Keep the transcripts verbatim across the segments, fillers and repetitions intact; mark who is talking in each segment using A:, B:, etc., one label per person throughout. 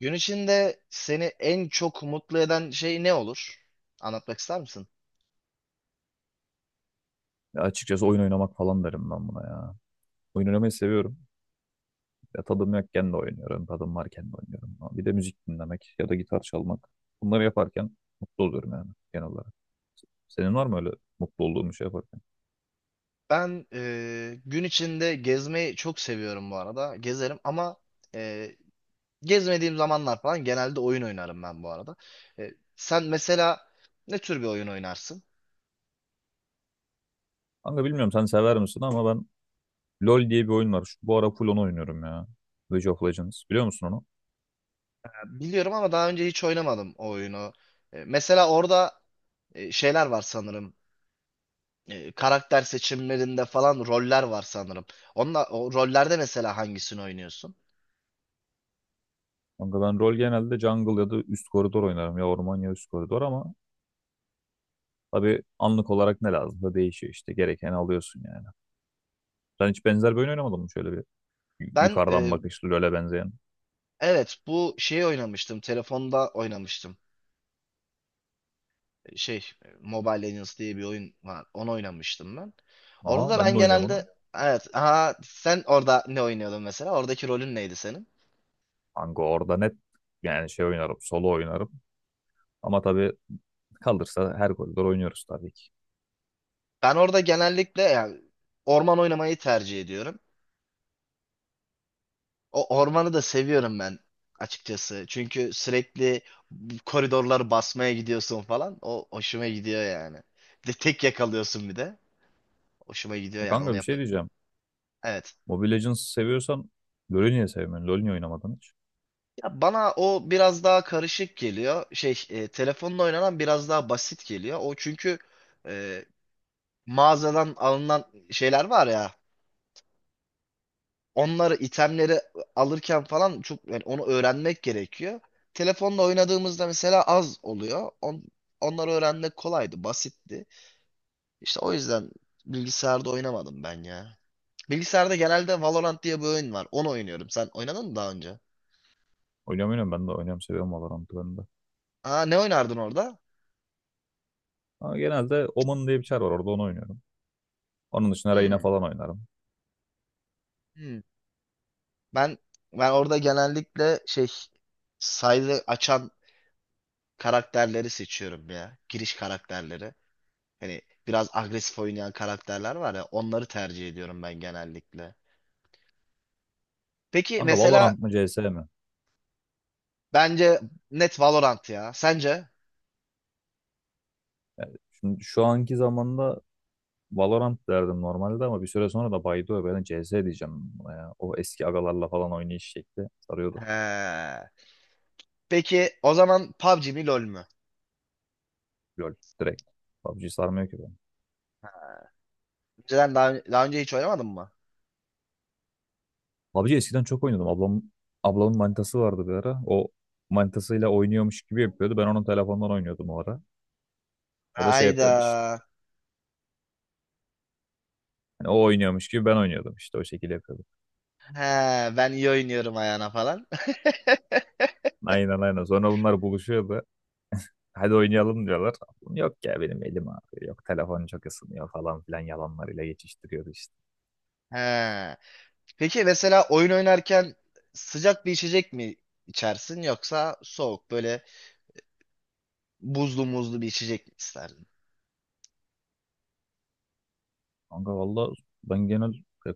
A: Gün içinde seni en çok mutlu eden şey ne olur? Anlatmak ister misin?
B: Ya açıkçası oyun oynamak falan derim ben buna ya. Oyun oynamayı seviyorum. Ya tadım yokken de oynuyorum. Tadım varken de oynuyorum. Bir de müzik dinlemek ya da gitar çalmak. Bunları yaparken mutlu oluyorum yani genel olarak. Senin var mı öyle mutlu olduğun bir şey yaparken?
A: Ben e, gün içinde gezmeyi çok seviyorum bu arada. Gezerim ama e, gezmediğim zamanlar falan genelde oyun oynarım ben bu arada. E, Sen mesela ne tür bir oyun oynarsın?
B: Kanka bilmiyorum sen sever misin ama ben LoL diye bir oyun var. Şu, bu ara full onu oynuyorum ya. League of Legends. Biliyor musun onu?
A: Ya Biliyorum ama daha önce hiç oynamadım o oyunu. E, mesela orada e, şeyler var sanırım. E, karakter seçimlerinde falan roller var sanırım. Onunla, o rollerde mesela hangisini oynuyorsun?
B: Kanka ben LoL genelde jungle ya da üst koridor oynarım. Ya orman ya üst koridor ama tabii anlık olarak ne lazım da değişiyor işte. Gerekeni alıyorsun yani. Sen hiç benzer bir oyun oynamadın mı şöyle bir? Y-
A: Ben
B: yukarıdan
A: e,
B: bakışlı LoL'e benzeyen.
A: Evet, bu şeyi oynamıştım. Telefonda oynamıştım. Şey, Mobile Legends diye bir oyun var. Onu oynamıştım ben. Orada
B: Aha
A: da
B: ben
A: ben
B: de oynuyorum onu.
A: genelde evet, aha, sen orada ne oynuyordun mesela? Oradaki rolün neydi senin?
B: Kanka orada net yani şey oynarım, solo oynarım. Ama tabii kalırsa her koridor oynuyoruz tabii ki.
A: Ben orada genellikle yani orman oynamayı tercih ediyorum. O ormanı da seviyorum ben açıkçası. Çünkü sürekli bu koridorları basmaya gidiyorsun falan. O hoşuma gidiyor yani. Bir de tek yakalıyorsun bir de. Hoşuma
B: E
A: gidiyor yani onu
B: kanka bir
A: yap.
B: şey diyeceğim.
A: evet.
B: Mobile Legends seviyorsan LoL'ü niye sevmiyorsun? LoL niye oynamadın hiç?
A: Ya bana o biraz daha karışık geliyor. Şey, e, telefonla oynanan biraz daha basit geliyor. O çünkü e, mağazadan alınan şeyler var ya. Onları, itemleri alırken falan çok yani onu öğrenmek gerekiyor. Telefonla oynadığımızda mesela az oluyor. On, onları öğrenmek kolaydı, basitti. İşte o yüzden bilgisayarda oynamadım ben ya. Bilgisayarda genelde Valorant diye bir oyun var. Onu oynuyorum. Sen oynadın mı daha önce?
B: Oynuyorum oynuyorum, ben de oynuyorum, seviyorum Valorant'ı ben de.
A: Aa, ne oynardın orada?
B: Ama genelde Omen diye bir çar var orada, onu oynuyorum. Onun dışında Reyna
A: Hmm,
B: falan oynarım.
A: hmm. Ben ben orada genellikle şey, sayı açan karakterleri seçiyorum ya. Giriş karakterleri. Hani biraz agresif oynayan karakterler var ya, onları tercih ediyorum ben genellikle. Peki
B: Kanka
A: mesela
B: Valorant mı C S mi?
A: bence net Valorant ya. Sence?
B: Şimdi şu anki zamanda Valorant derdim normalde ama bir süre sonra da baydı, ben C S diyeceğim buna. Ya, o eski agalarla falan oynayış şekli sarıyordu.
A: He. Peki o zaman P U B G mi LoL mü?
B: LOL direkt. PUBG sarmıyor ki ben.
A: Önceden daha, daha önce hiç oynamadın mı?
B: PUBG eskiden çok oynuyordum. Ablam, ablamın manitası vardı bir ara. O manitasıyla oynuyormuş gibi yapıyordu. Ben onun telefonundan oynuyordum o ara. O da şey
A: Hayda.
B: yapıyordu işte. Hani o oynuyormuş gibi ben oynuyordum, işte o şekilde yapıyordum.
A: He, ben iyi oynuyorum ayağına falan.
B: Aynen aynen. Sonra bunlar buluşuyordu. Hadi oynayalım diyorlar. Yok ya benim elim ağrıyor. Yok telefon çok ısınıyor falan filan yalanlarıyla geçiştiriyordu işte.
A: He. Peki mesela oyun oynarken sıcak bir içecek mi içersin yoksa soğuk böyle buzlu muzlu bir içecek mi isterdin?
B: Kanka valla ben genel e,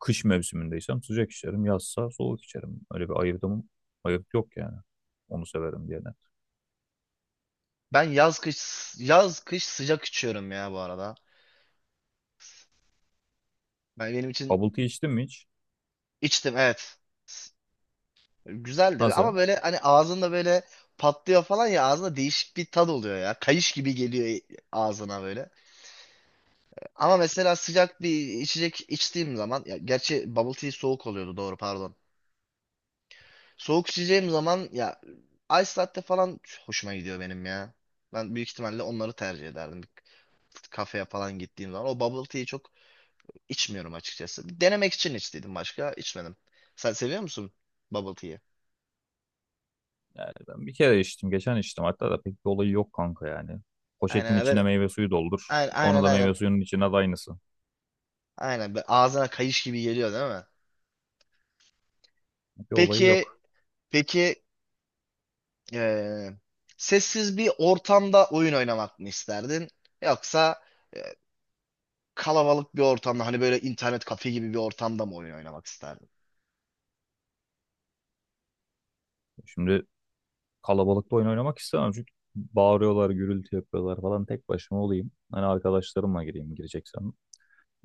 B: kış mevsimindeysem sıcak içerim, yazsa soğuk içerim. Öyle bir ayırdım, ayırt yok yani. Onu severim diye.
A: Ben yaz kış yaz kış sıcak içiyorum ya bu arada. Ben benim için
B: Bubble tea içtin mi hiç?
A: içtim evet. Güzeldi
B: Nasıl?
A: ama böyle hani ağzında böyle patlıyor falan ya, ağzında değişik bir tad oluyor ya. Kayış gibi geliyor ağzına böyle. Ama mesela sıcak bir içecek içtiğim zaman ya, gerçi bubble tea soğuk oluyordu, doğru, pardon. Soğuk içeceğim zaman ya ice latte falan hoşuma gidiyor benim ya. Ben büyük ihtimalle onları tercih ederdim. Bir kafeye falan gittiğim zaman. O bubble tea'yi çok içmiyorum açıkçası. Denemek için içtiydim, başka içmedim. Sen seviyor musun bubble tea'yi?
B: Yani ben bir kere içtim, geçen içtim. Hatta da pek bir olayı yok kanka yani. Poşetin
A: Aynen böyle,
B: içine meyve suyu doldur.
A: aynen
B: Onu
A: aynen
B: da meyve
A: aynen.
B: suyunun içine de aynısı.
A: Aynen böyle ağzına kayış gibi geliyor değil mi?
B: Bir olayı
A: Peki
B: yok.
A: peki eee, sessiz bir ortamda oyun oynamak mı isterdin? Yoksa kalabalık bir ortamda hani böyle internet kafe gibi bir ortamda mı oyun oynamak isterdin?
B: Şimdi kalabalıkta oyun oynamak istemem çünkü bağırıyorlar, gürültü yapıyorlar falan. Tek başıma olayım. Hani arkadaşlarımla gireyim gireceksem.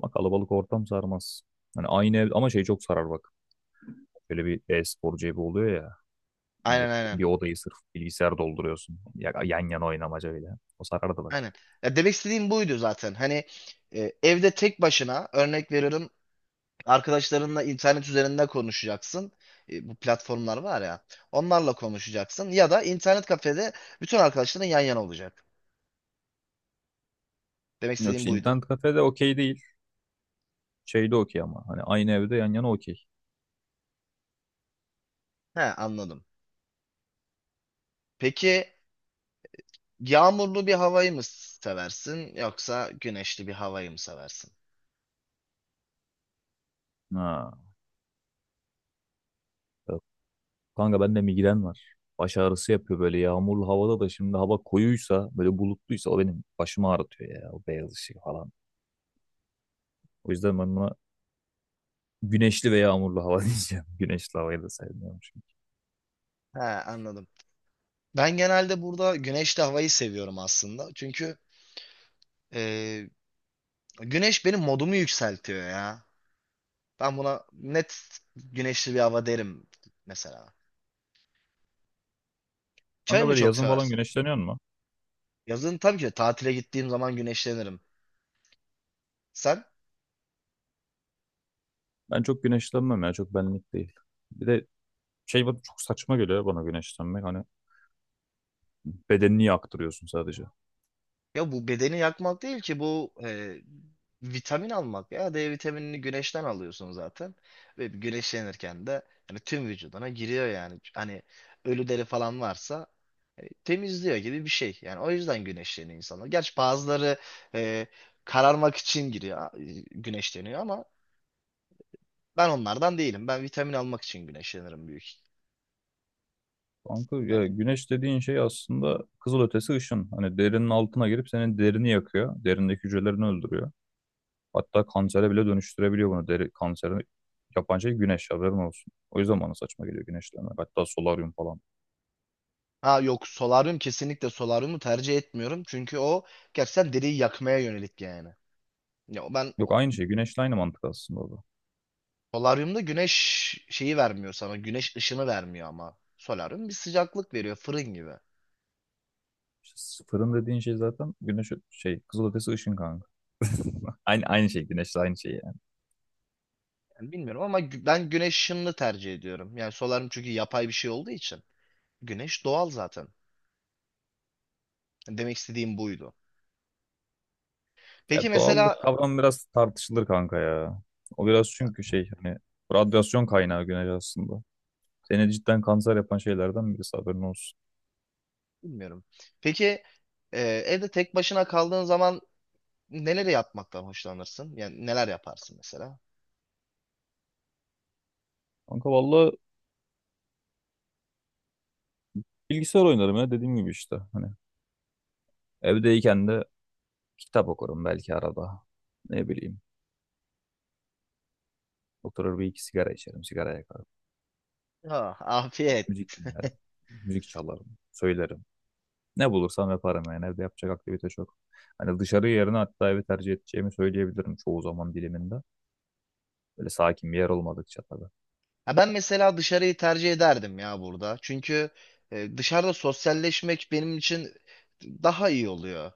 B: Ama kalabalık ortam sarmaz. Hani aynı ev ama şey çok sarar bak. Şöyle bir e-spor cebi oluyor ya.
A: Aynen,
B: millet-
A: aynen.
B: Bir odayı sırf bilgisayar dolduruyorsun. Ya- Yan yana oynamaca bile. O sarardı bak.
A: Aynen. Ya demek istediğim buydu zaten. Hani e, evde tek başına, örnek veriyorum, arkadaşlarınla internet üzerinde konuşacaksın. E, bu platformlar var ya. Onlarla konuşacaksın ya da internet kafede bütün arkadaşların yan yana olacak. Demek
B: Yok
A: istediğim
B: işte
A: buydu.
B: internet kafede okey değil. Şeyde okey ama. Hani aynı evde yan yana okey.
A: He, anladım. Peki, yağmurlu bir havayı mı seversin yoksa güneşli bir havayı mı seversin?
B: Ha. Yok. Kanka bende migren var. Baş ağrısı yapıyor böyle yağmurlu havada da, şimdi hava koyuysa böyle bulutluysa o benim başımı ağrıtıyor ya, o beyaz ışık falan. O yüzden ben buna güneşli ve yağmurlu hava diyeceğim. Güneşli havayı da sevmiyorum çünkü.
A: He, anladım. Ben genelde burada güneşli havayı seviyorum aslında. Çünkü e, güneş benim modumu yükseltiyor ya. Ben buna net güneşli bir hava derim mesela. Çay
B: Kanka
A: mı
B: böyle
A: çok
B: yazın falan
A: seversin?
B: güneşleniyor mu?
A: Yazın tabii ki de tatile gittiğim zaman güneşlenirim. Sen?
B: Ben çok güneşlenmem ya, çok benlik değil. Bir de şey, bana çok saçma geliyor ya bana güneşlenmek. Hani bedenini yaktırıyorsun sadece.
A: Ya bu bedeni yakmak değil ki bu, e, vitamin almak ya. de vitaminini güneşten alıyorsun zaten. Ve güneşlenirken de hani tüm vücuduna giriyor yani. Hani ölü deri falan varsa e, temizliyor gibi bir şey. Yani o yüzden güneşleniyor insanlar. Gerçi bazıları e, kararmak için giriyor, e, güneşleniyor ama ben onlardan değilim. Ben vitamin almak için güneşlenirim büyük.
B: Kanka
A: Yani.
B: ya güneş dediğin şey aslında kızılötesi ışın. Hani derinin altına girip senin derini yakıyor. Derindeki hücrelerini öldürüyor. Hatta kansere bile dönüştürebiliyor bunu. Deri kanseri yapan şey güneş, haberin olsun. O yüzden bana saçma geliyor güneşlenmek. Hatta solaryum falan.
A: Ha, yok, solaryum kesinlikle, solaryumu tercih etmiyorum. Çünkü o gerçekten deriyi yakmaya yönelik yani. Ya ben
B: Yok aynı şey. Güneşle aynı mantık aslında orada.
A: Solaryumda güneş şeyi vermiyor sana. Güneş ışını vermiyor ama. Solaryum bir sıcaklık veriyor, fırın gibi.
B: İşte sıfırın dediğin şey zaten güneş, şey, kızılötesi ışın kanka. Aynı, aynı şey, güneşle aynı şey.
A: Yani bilmiyorum ama gü- ben güneş ışınını tercih ediyorum. Yani solaryum çünkü yapay bir şey olduğu için. Güneş doğal zaten. Demek istediğim buydu. Peki
B: Ya doğallık
A: mesela,
B: kavramı biraz tartışılır kanka ya. O biraz
A: ya
B: çünkü şey hani radyasyon kaynağı güneş aslında. Seni cidden kanser yapan şeylerden birisi, haberin olsun.
A: bilmiyorum. Peki e, evde tek başına kaldığın zaman neleri yapmaktan hoşlanırsın? Yani neler yaparsın mesela?
B: Kanka valla bilgisayar oynarım ya, dediğim gibi işte. Hani evdeyken de kitap okurum belki arada. Ne bileyim. Oturur bir iki sigara içerim, sigara yakarım.
A: Ah, afiyet.
B: Müzik dinlerim. Müzik çalarım, söylerim. Ne bulursam yaparım yani, evde yapacak aktivite çok. Hani dışarı yerine hatta evi tercih edeceğimi söyleyebilirim çoğu zaman diliminde. Böyle sakin bir yer olmadıkça tabii.
A: Ha, ben mesela dışarıyı tercih ederdim ya burada. Çünkü e, dışarıda sosyalleşmek benim için daha iyi oluyor.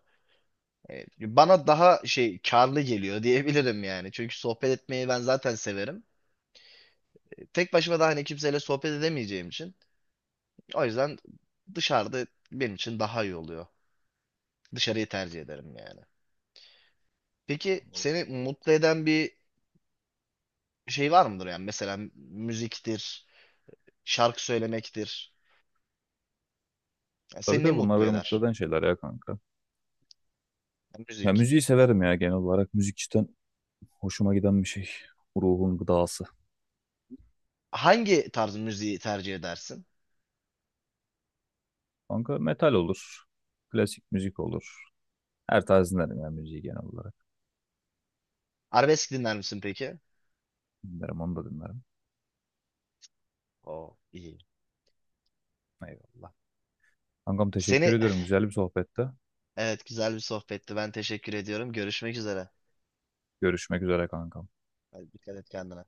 A: E, bana daha şey, karlı geliyor diyebilirim yani. Çünkü sohbet etmeyi ben zaten severim. E, Tek başıma da hani kimseyle sohbet edemeyeceğim için. O yüzden dışarıda benim için daha iyi oluyor. Dışarıyı tercih ederim yani. Peki seni mutlu eden bir şey var mıdır yani? Mesela müziktir, şarkı söylemektir. Yani
B: Tabii
A: seni ne
B: tabii, bunlar
A: mutlu
B: beni mutlu
A: eder?
B: eden şeyler ya kanka.
A: Yani
B: Ya
A: müzik.
B: müziği severim ya, genel olarak. Müzik cidden hoşuma giden bir şey. Ruhun gıdası.
A: Hangi tarz müziği tercih edersin?
B: Kanka metal olur. Klasik müzik olur. Her tarz dinlerim ya müziği, genel olarak.
A: Arabesk dinler misin peki?
B: Dinlerim, onu da dinlerim.
A: Oo, iyi.
B: Eyvallah. Kankam teşekkür
A: Seni,
B: ediyorum. Güzel bir sohbette.
A: evet, güzel bir sohbetti. Ben teşekkür ediyorum. Görüşmek üzere.
B: Görüşmek üzere kankam.
A: Hadi, dikkat et kendine.